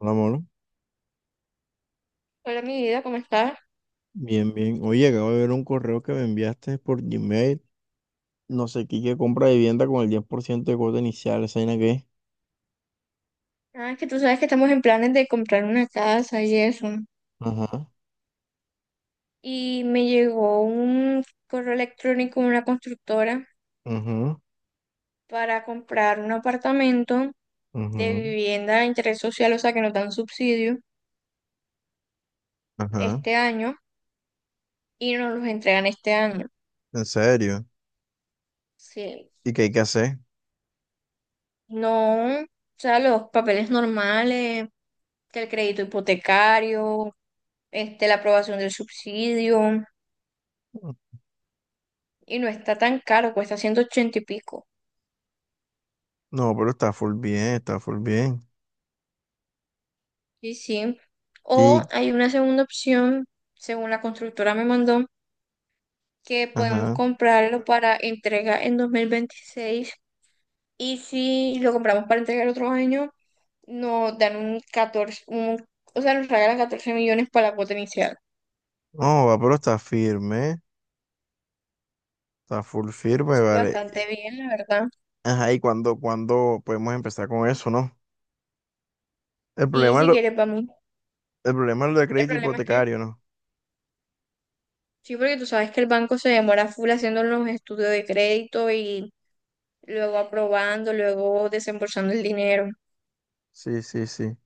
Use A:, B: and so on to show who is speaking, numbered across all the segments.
A: Hola, amor.
B: Hola, mi vida, ¿cómo estás?
A: Bien, bien. Oye, acabo de ver un correo que me enviaste por Gmail. No sé qué, que compra vivienda con el 10% de cuota inicial. ¿Esa vaina qué?
B: Ah, es que tú sabes que estamos en planes de comprar una casa y eso.
A: Ajá,
B: Y me llegó un correo electrónico de una constructora
A: ajá,
B: para comprar un apartamento de
A: ajá,
B: vivienda de interés social, o sea, que nos dan subsidio
A: ajá.
B: este año y nos los entregan este año.
A: ¿En serio?
B: Sí.
A: ¿Y qué hay que hacer?
B: No, o sea, los papeles normales, que el crédito hipotecario, este, la aprobación del subsidio, y no está tan caro, cuesta 180 y pico.
A: No, pero está full bien, está full bien.
B: Sí, sí.
A: Y,
B: O hay una segunda opción, según la constructora me mandó, que podemos
A: ajá.
B: comprarlo para entrega en 2026. Y si lo compramos para entregar otro año, nos dan un 14 un- o sea, nos regalan 14 millones para la cuota inicial.
A: No, va, pero está firme. Está full firme,
B: Sí,
A: vale.
B: bastante bien, la verdad.
A: Ajá, ¿y cuándo podemos empezar con eso, no? El
B: Sí,
A: problema es
B: si
A: lo,
B: quieres, vamos.
A: el problema es lo de
B: El
A: crédito
B: problema es que,
A: hipotecario, ¿no?
B: sí, porque tú sabes que el banco se demora full haciendo los estudios de crédito y luego aprobando, luego desembolsando el dinero.
A: Sí, sí, sí.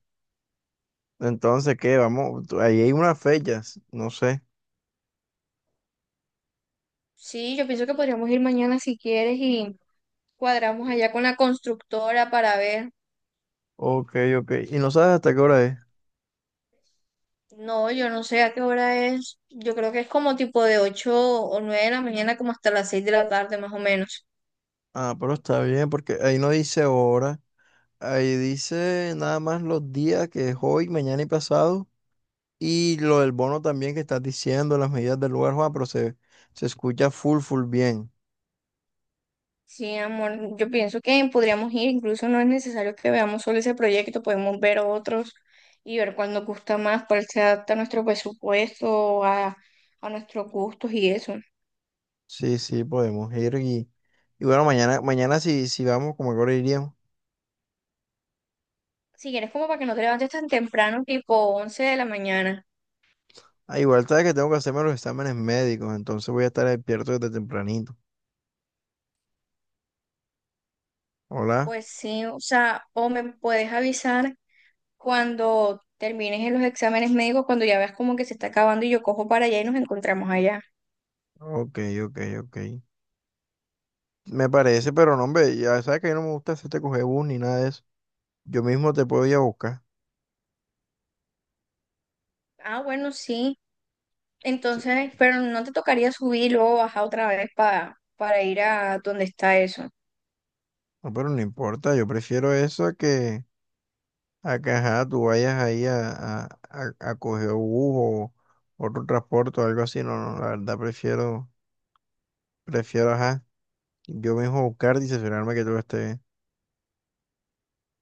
A: Entonces, ¿qué? Vamos, tú- ahí hay unas fechas, no sé.
B: Sí, yo pienso que podríamos ir mañana si quieres y cuadramos allá con la constructora para ver.
A: Ok, ok. ¿Y no sabes hasta qué hora es?
B: No, yo no sé a qué hora es. Yo creo que es como tipo de 8 o 9 de la mañana, como hasta las 6 de la tarde más o menos.
A: Ah, pero está bien, porque ahí no dice hora, ahí dice nada más los días que es hoy, mañana y pasado, y lo del bono también que estás diciendo, las medidas del lugar, Juan, pero se escucha full, full bien.
B: Sí, amor, yo pienso que podríamos ir. Incluso no es necesario que veamos solo ese proyecto, podemos ver otros y ver cuál nos gusta más, cuál se adapta a nuestro presupuesto, a, nuestros gustos y eso.
A: Sí, sí, podemos ir y bueno, mañana si, si vamos, como que ahora iríamos.
B: Si quieres, como para que no te levantes tan temprano, tipo 11 de la mañana.
A: Ah, igual sabes que tengo que hacerme los exámenes médicos, entonces voy a estar despierto desde tempranito. Hola.
B: Pues sí, o sea, o me puedes avisar cuando termines en los exámenes médicos, cuando ya veas como que se está acabando y yo cojo para allá y nos encontramos allá.
A: Ok, ok, ok. Me parece, pero no, hombre, ya sabes que a mí no me gusta hacerte coger bus ni nada de eso. Yo mismo te puedo ir a buscar.
B: Ah, bueno, sí.
A: Sí.
B: Entonces, pero no te tocaría subir y luego bajar otra vez para, ir a donde está eso.
A: No, pero no importa, yo prefiero eso a que, ajá, tú vayas ahí a coger bus o otro transporte o algo así. No, no, la verdad prefiero, prefiero, ajá, yo mismo buscar y cerciorarme que todo esté bien.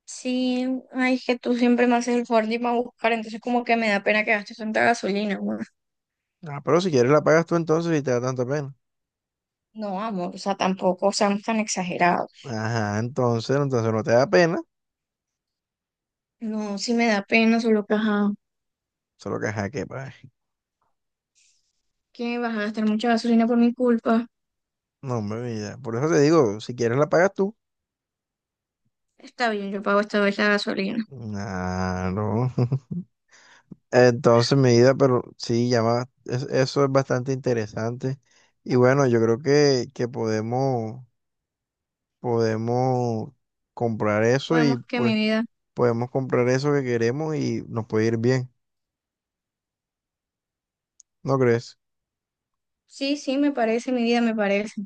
B: Sí, ay, es que tú siempre me haces el favor de irme a buscar, entonces como que me da pena que gastes tanta gasolina, amor.
A: Ah, pero si quieres la pagas tú entonces y te da tanta pena.
B: No, amor, o sea, tampoco seamos tan exagerados.
A: Ajá, entonces, entonces no te da pena,
B: No, sí me da pena, solo que, ajá,
A: solo que ajá, que pagas.
B: que vas a gastar mucha gasolina por mi culpa.
A: No, hombre, mira Por eso te digo, si quieres la pagas tú.
B: Está bien, yo pago esta vez la gasolina.
A: Claro. Entonces, medida, pero sí, llama, es- eso es bastante interesante. Y bueno, yo creo que podemos, podemos comprar eso y
B: Podemos, que mi
A: pues
B: vida.
A: podemos comprar eso que queremos y nos puede ir bien, ¿no crees?
B: Sí, sí, me parece, mi vida, me parece.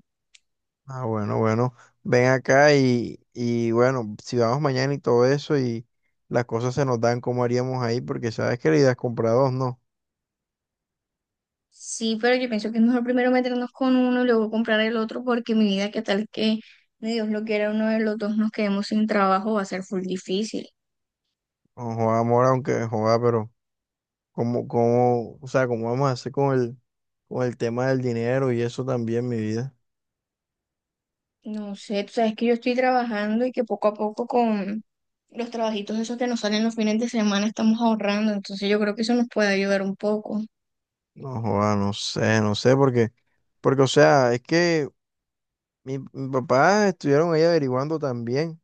A: Ah, bueno, bueno, ven acá y bueno, si vamos mañana y todo eso y las cosas se nos dan, ¿cómo haríamos ahí? Porque sabes que la idea es comprar dos, ¿no?
B: Sí, pero yo pienso que es mejor primero meternos con uno y luego comprar el otro porque mi vida, qué tal que, ni Dios lo quiera, uno de los dos nos quedemos sin trabajo, va a ser full difícil.
A: No joda, amor, aunque joda, pero... ¿o sea, cómo vamos a hacer con el tema del dinero y eso también, mi vida?
B: No sé, tú sabes que yo estoy trabajando y que poco a poco con los trabajitos esos que nos salen los fines de semana estamos ahorrando, entonces yo creo que eso nos puede ayudar un poco.
A: No, joda, no sé, no sé, porque, porque, o sea, es que mi papá estuvieron ahí averiguando también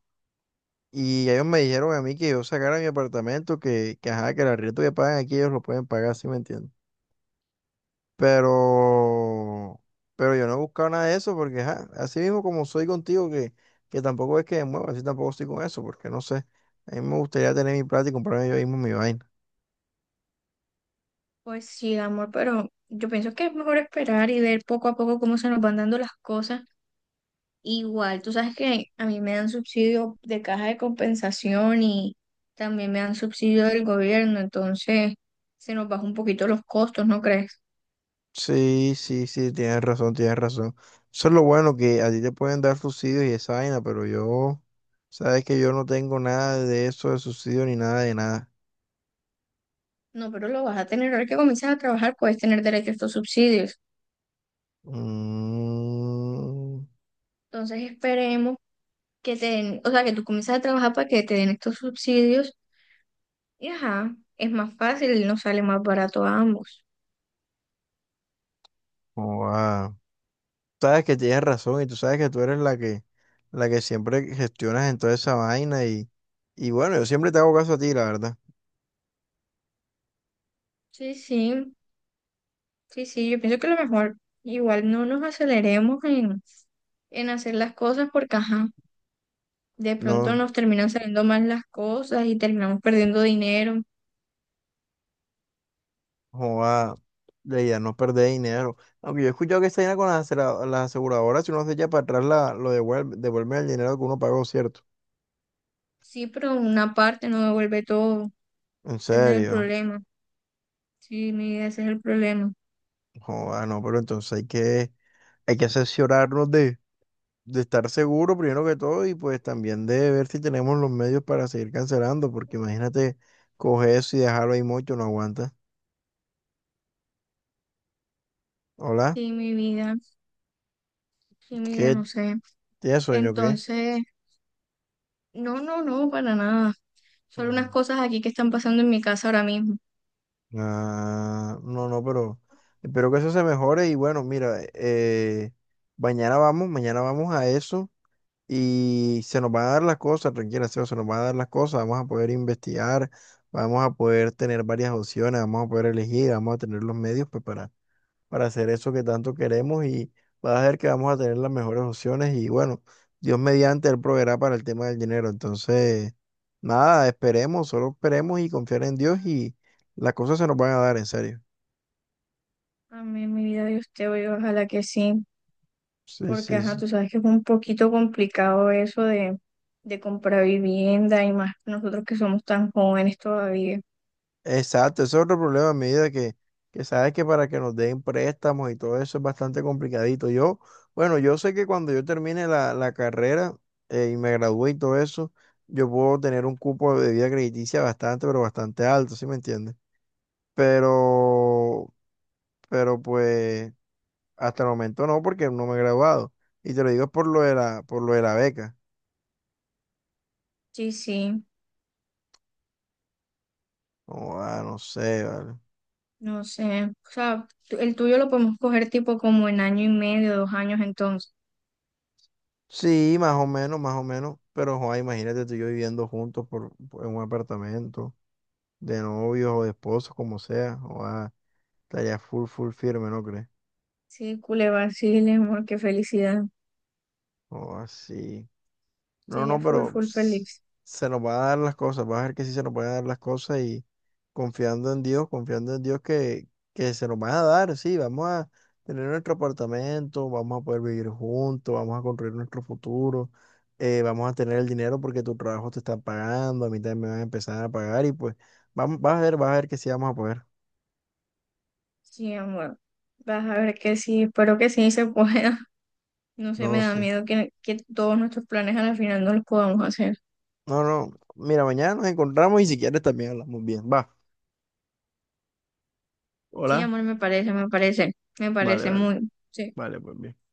A: y ellos me dijeron a mí que yo sacara mi apartamento, que ajá, que el arriendo que pagan aquí ellos lo pueden pagar, ¿sí me entiendes? Pero, pero yo no he buscado nada de eso porque, ajá, así mismo como soy contigo, que tampoco es que me mueva, así tampoco estoy con eso, porque no sé, a mí me gustaría tener mi plata y comprarme yo mismo mi vaina.
B: Pues sí, amor, pero yo pienso que es mejor esperar y ver poco a poco cómo se nos van dando las cosas. Igual, tú sabes que a mí me dan subsidio de caja de compensación y también me dan subsidio del gobierno, entonces se nos baja un poquito los costos, ¿no crees?
A: Sí, sí, sí, tienes razón, tienes razón. Eso es lo bueno que a ti te pueden dar subsidios y esa vaina, pero yo, sabes que yo no tengo nada de eso de subsidio ni nada de nada.
B: No, pero lo vas a tener, ahora que comienzas a trabajar puedes tener derecho a estos subsidios.
A: Mm,
B: Entonces esperemos que te den, o sea, que tú comiences a trabajar para que te den estos subsidios y ajá, es más fácil, nos sale más barato a ambos.
A: joda. Sabes que tienes razón y tú sabes que tú eres la que siempre gestionas en toda esa vaina y bueno, yo siempre te hago caso a ti, la verdad.
B: Sí, sí, sí, sí, yo pienso que lo mejor, igual no nos aceleremos en, hacer las cosas porque ajá. De pronto
A: No,
B: nos terminan saliendo mal las cosas y terminamos perdiendo dinero.
A: Joda, la idea es no perder dinero. Aunque yo he escuchado que esta vaina con las, asegura- las aseguradoras, si uno se echa para atrás, lo devuelve, devuelve el dinero que uno pagó, ¿cierto?
B: Sí, pero una parte no devuelve todo.
A: En
B: Ese es el
A: serio.
B: problema. Sí, mi vida, ese es el problema.
A: Joda, no, pero entonces hay que asesorarnos de estar seguro primero que todo y pues también de ver si tenemos los medios para seguir cancelando, porque imagínate coger eso y dejarlo ahí mucho, no aguanta. Hola,
B: Sí, mi vida, sí, mi vida,
A: ¿qué?
B: no sé.
A: ¿Tienes sueño o qué?
B: Entonces, no, no, no, para nada. Solo unas
A: Mm.
B: cosas aquí que están pasando en mi casa ahora mismo.
A: Ah, no, no, pero espero que eso se mejore y bueno, mira, mañana vamos a eso y se nos van a dar las cosas, tranquila, Seba, se nos van a dar las cosas, vamos a poder investigar, vamos a poder tener varias opciones, vamos a poder elegir, vamos a tener los medios pues, para hacer eso que tanto queremos y vas a ver que vamos a tener las mejores opciones y bueno, Dios mediante, Él proveerá para el tema del dinero. Entonces, nada, esperemos, solo esperemos y confiar en Dios y las cosas se nos van a dar, en serio.
B: Amén, mi vida de usted, oye, ojalá que sí.
A: Sí,
B: Porque,
A: sí,
B: ajá,
A: sí.
B: tú sabes que es un poquito complicado eso de, comprar vivienda y más nosotros que somos tan jóvenes todavía.
A: Exacto, ese es otro problema a medida que sabes que para que nos den préstamos y todo eso es bastante complicadito. Yo, bueno, yo sé que cuando yo termine la carrera y me gradúe y todo eso, yo puedo tener un cupo de debida crediticia bastante, pero bastante alto, ¿sí me entiendes? Pero, pero pues hasta el momento no, porque no me he graduado. Y te lo digo es por lo de la, por lo de la beca.
B: Sí, sí.
A: Oh, ah, no sé, vale.
B: No sé, o sea, el tuyo lo podemos coger tipo como en año y medio, 2 años entonces.
A: Sí, más o menos, más o menos. Pero, joa, imagínate tú y yo viviendo juntos en un apartamento, de novios o de esposos, como sea. Joa, estaría full, full firme, ¿no crees?
B: Sí, cule vacile, amor, qué felicidad.
A: O así. No,
B: Sería
A: no,
B: full,
A: pero
B: full
A: s-
B: feliz.
A: se nos van a dar las cosas. Vas a ver que sí se nos van a dar las cosas y confiando en Dios que se nos van a dar. Sí, vamos a tener nuestro apartamento, vamos a poder vivir juntos, vamos a construir nuestro futuro, vamos a tener el dinero porque tu trabajo te está pagando, a mí también me van a empezar a pagar y pues vamos, vas a ver que sí vamos a poder.
B: Sí, amor. Vas a ver que sí, espero que sí se pueda. No sé, me
A: No,
B: da
A: sí.
B: miedo que, todos nuestros planes a la final no los podamos hacer.
A: No, no. Mira, mañana nos encontramos y si quieres también hablamos bien. Va.
B: Sí,
A: Hola.
B: amor, me parece, me parece, me
A: Vale,
B: parece
A: vale.
B: muy, sí.
A: Vale, pues bien.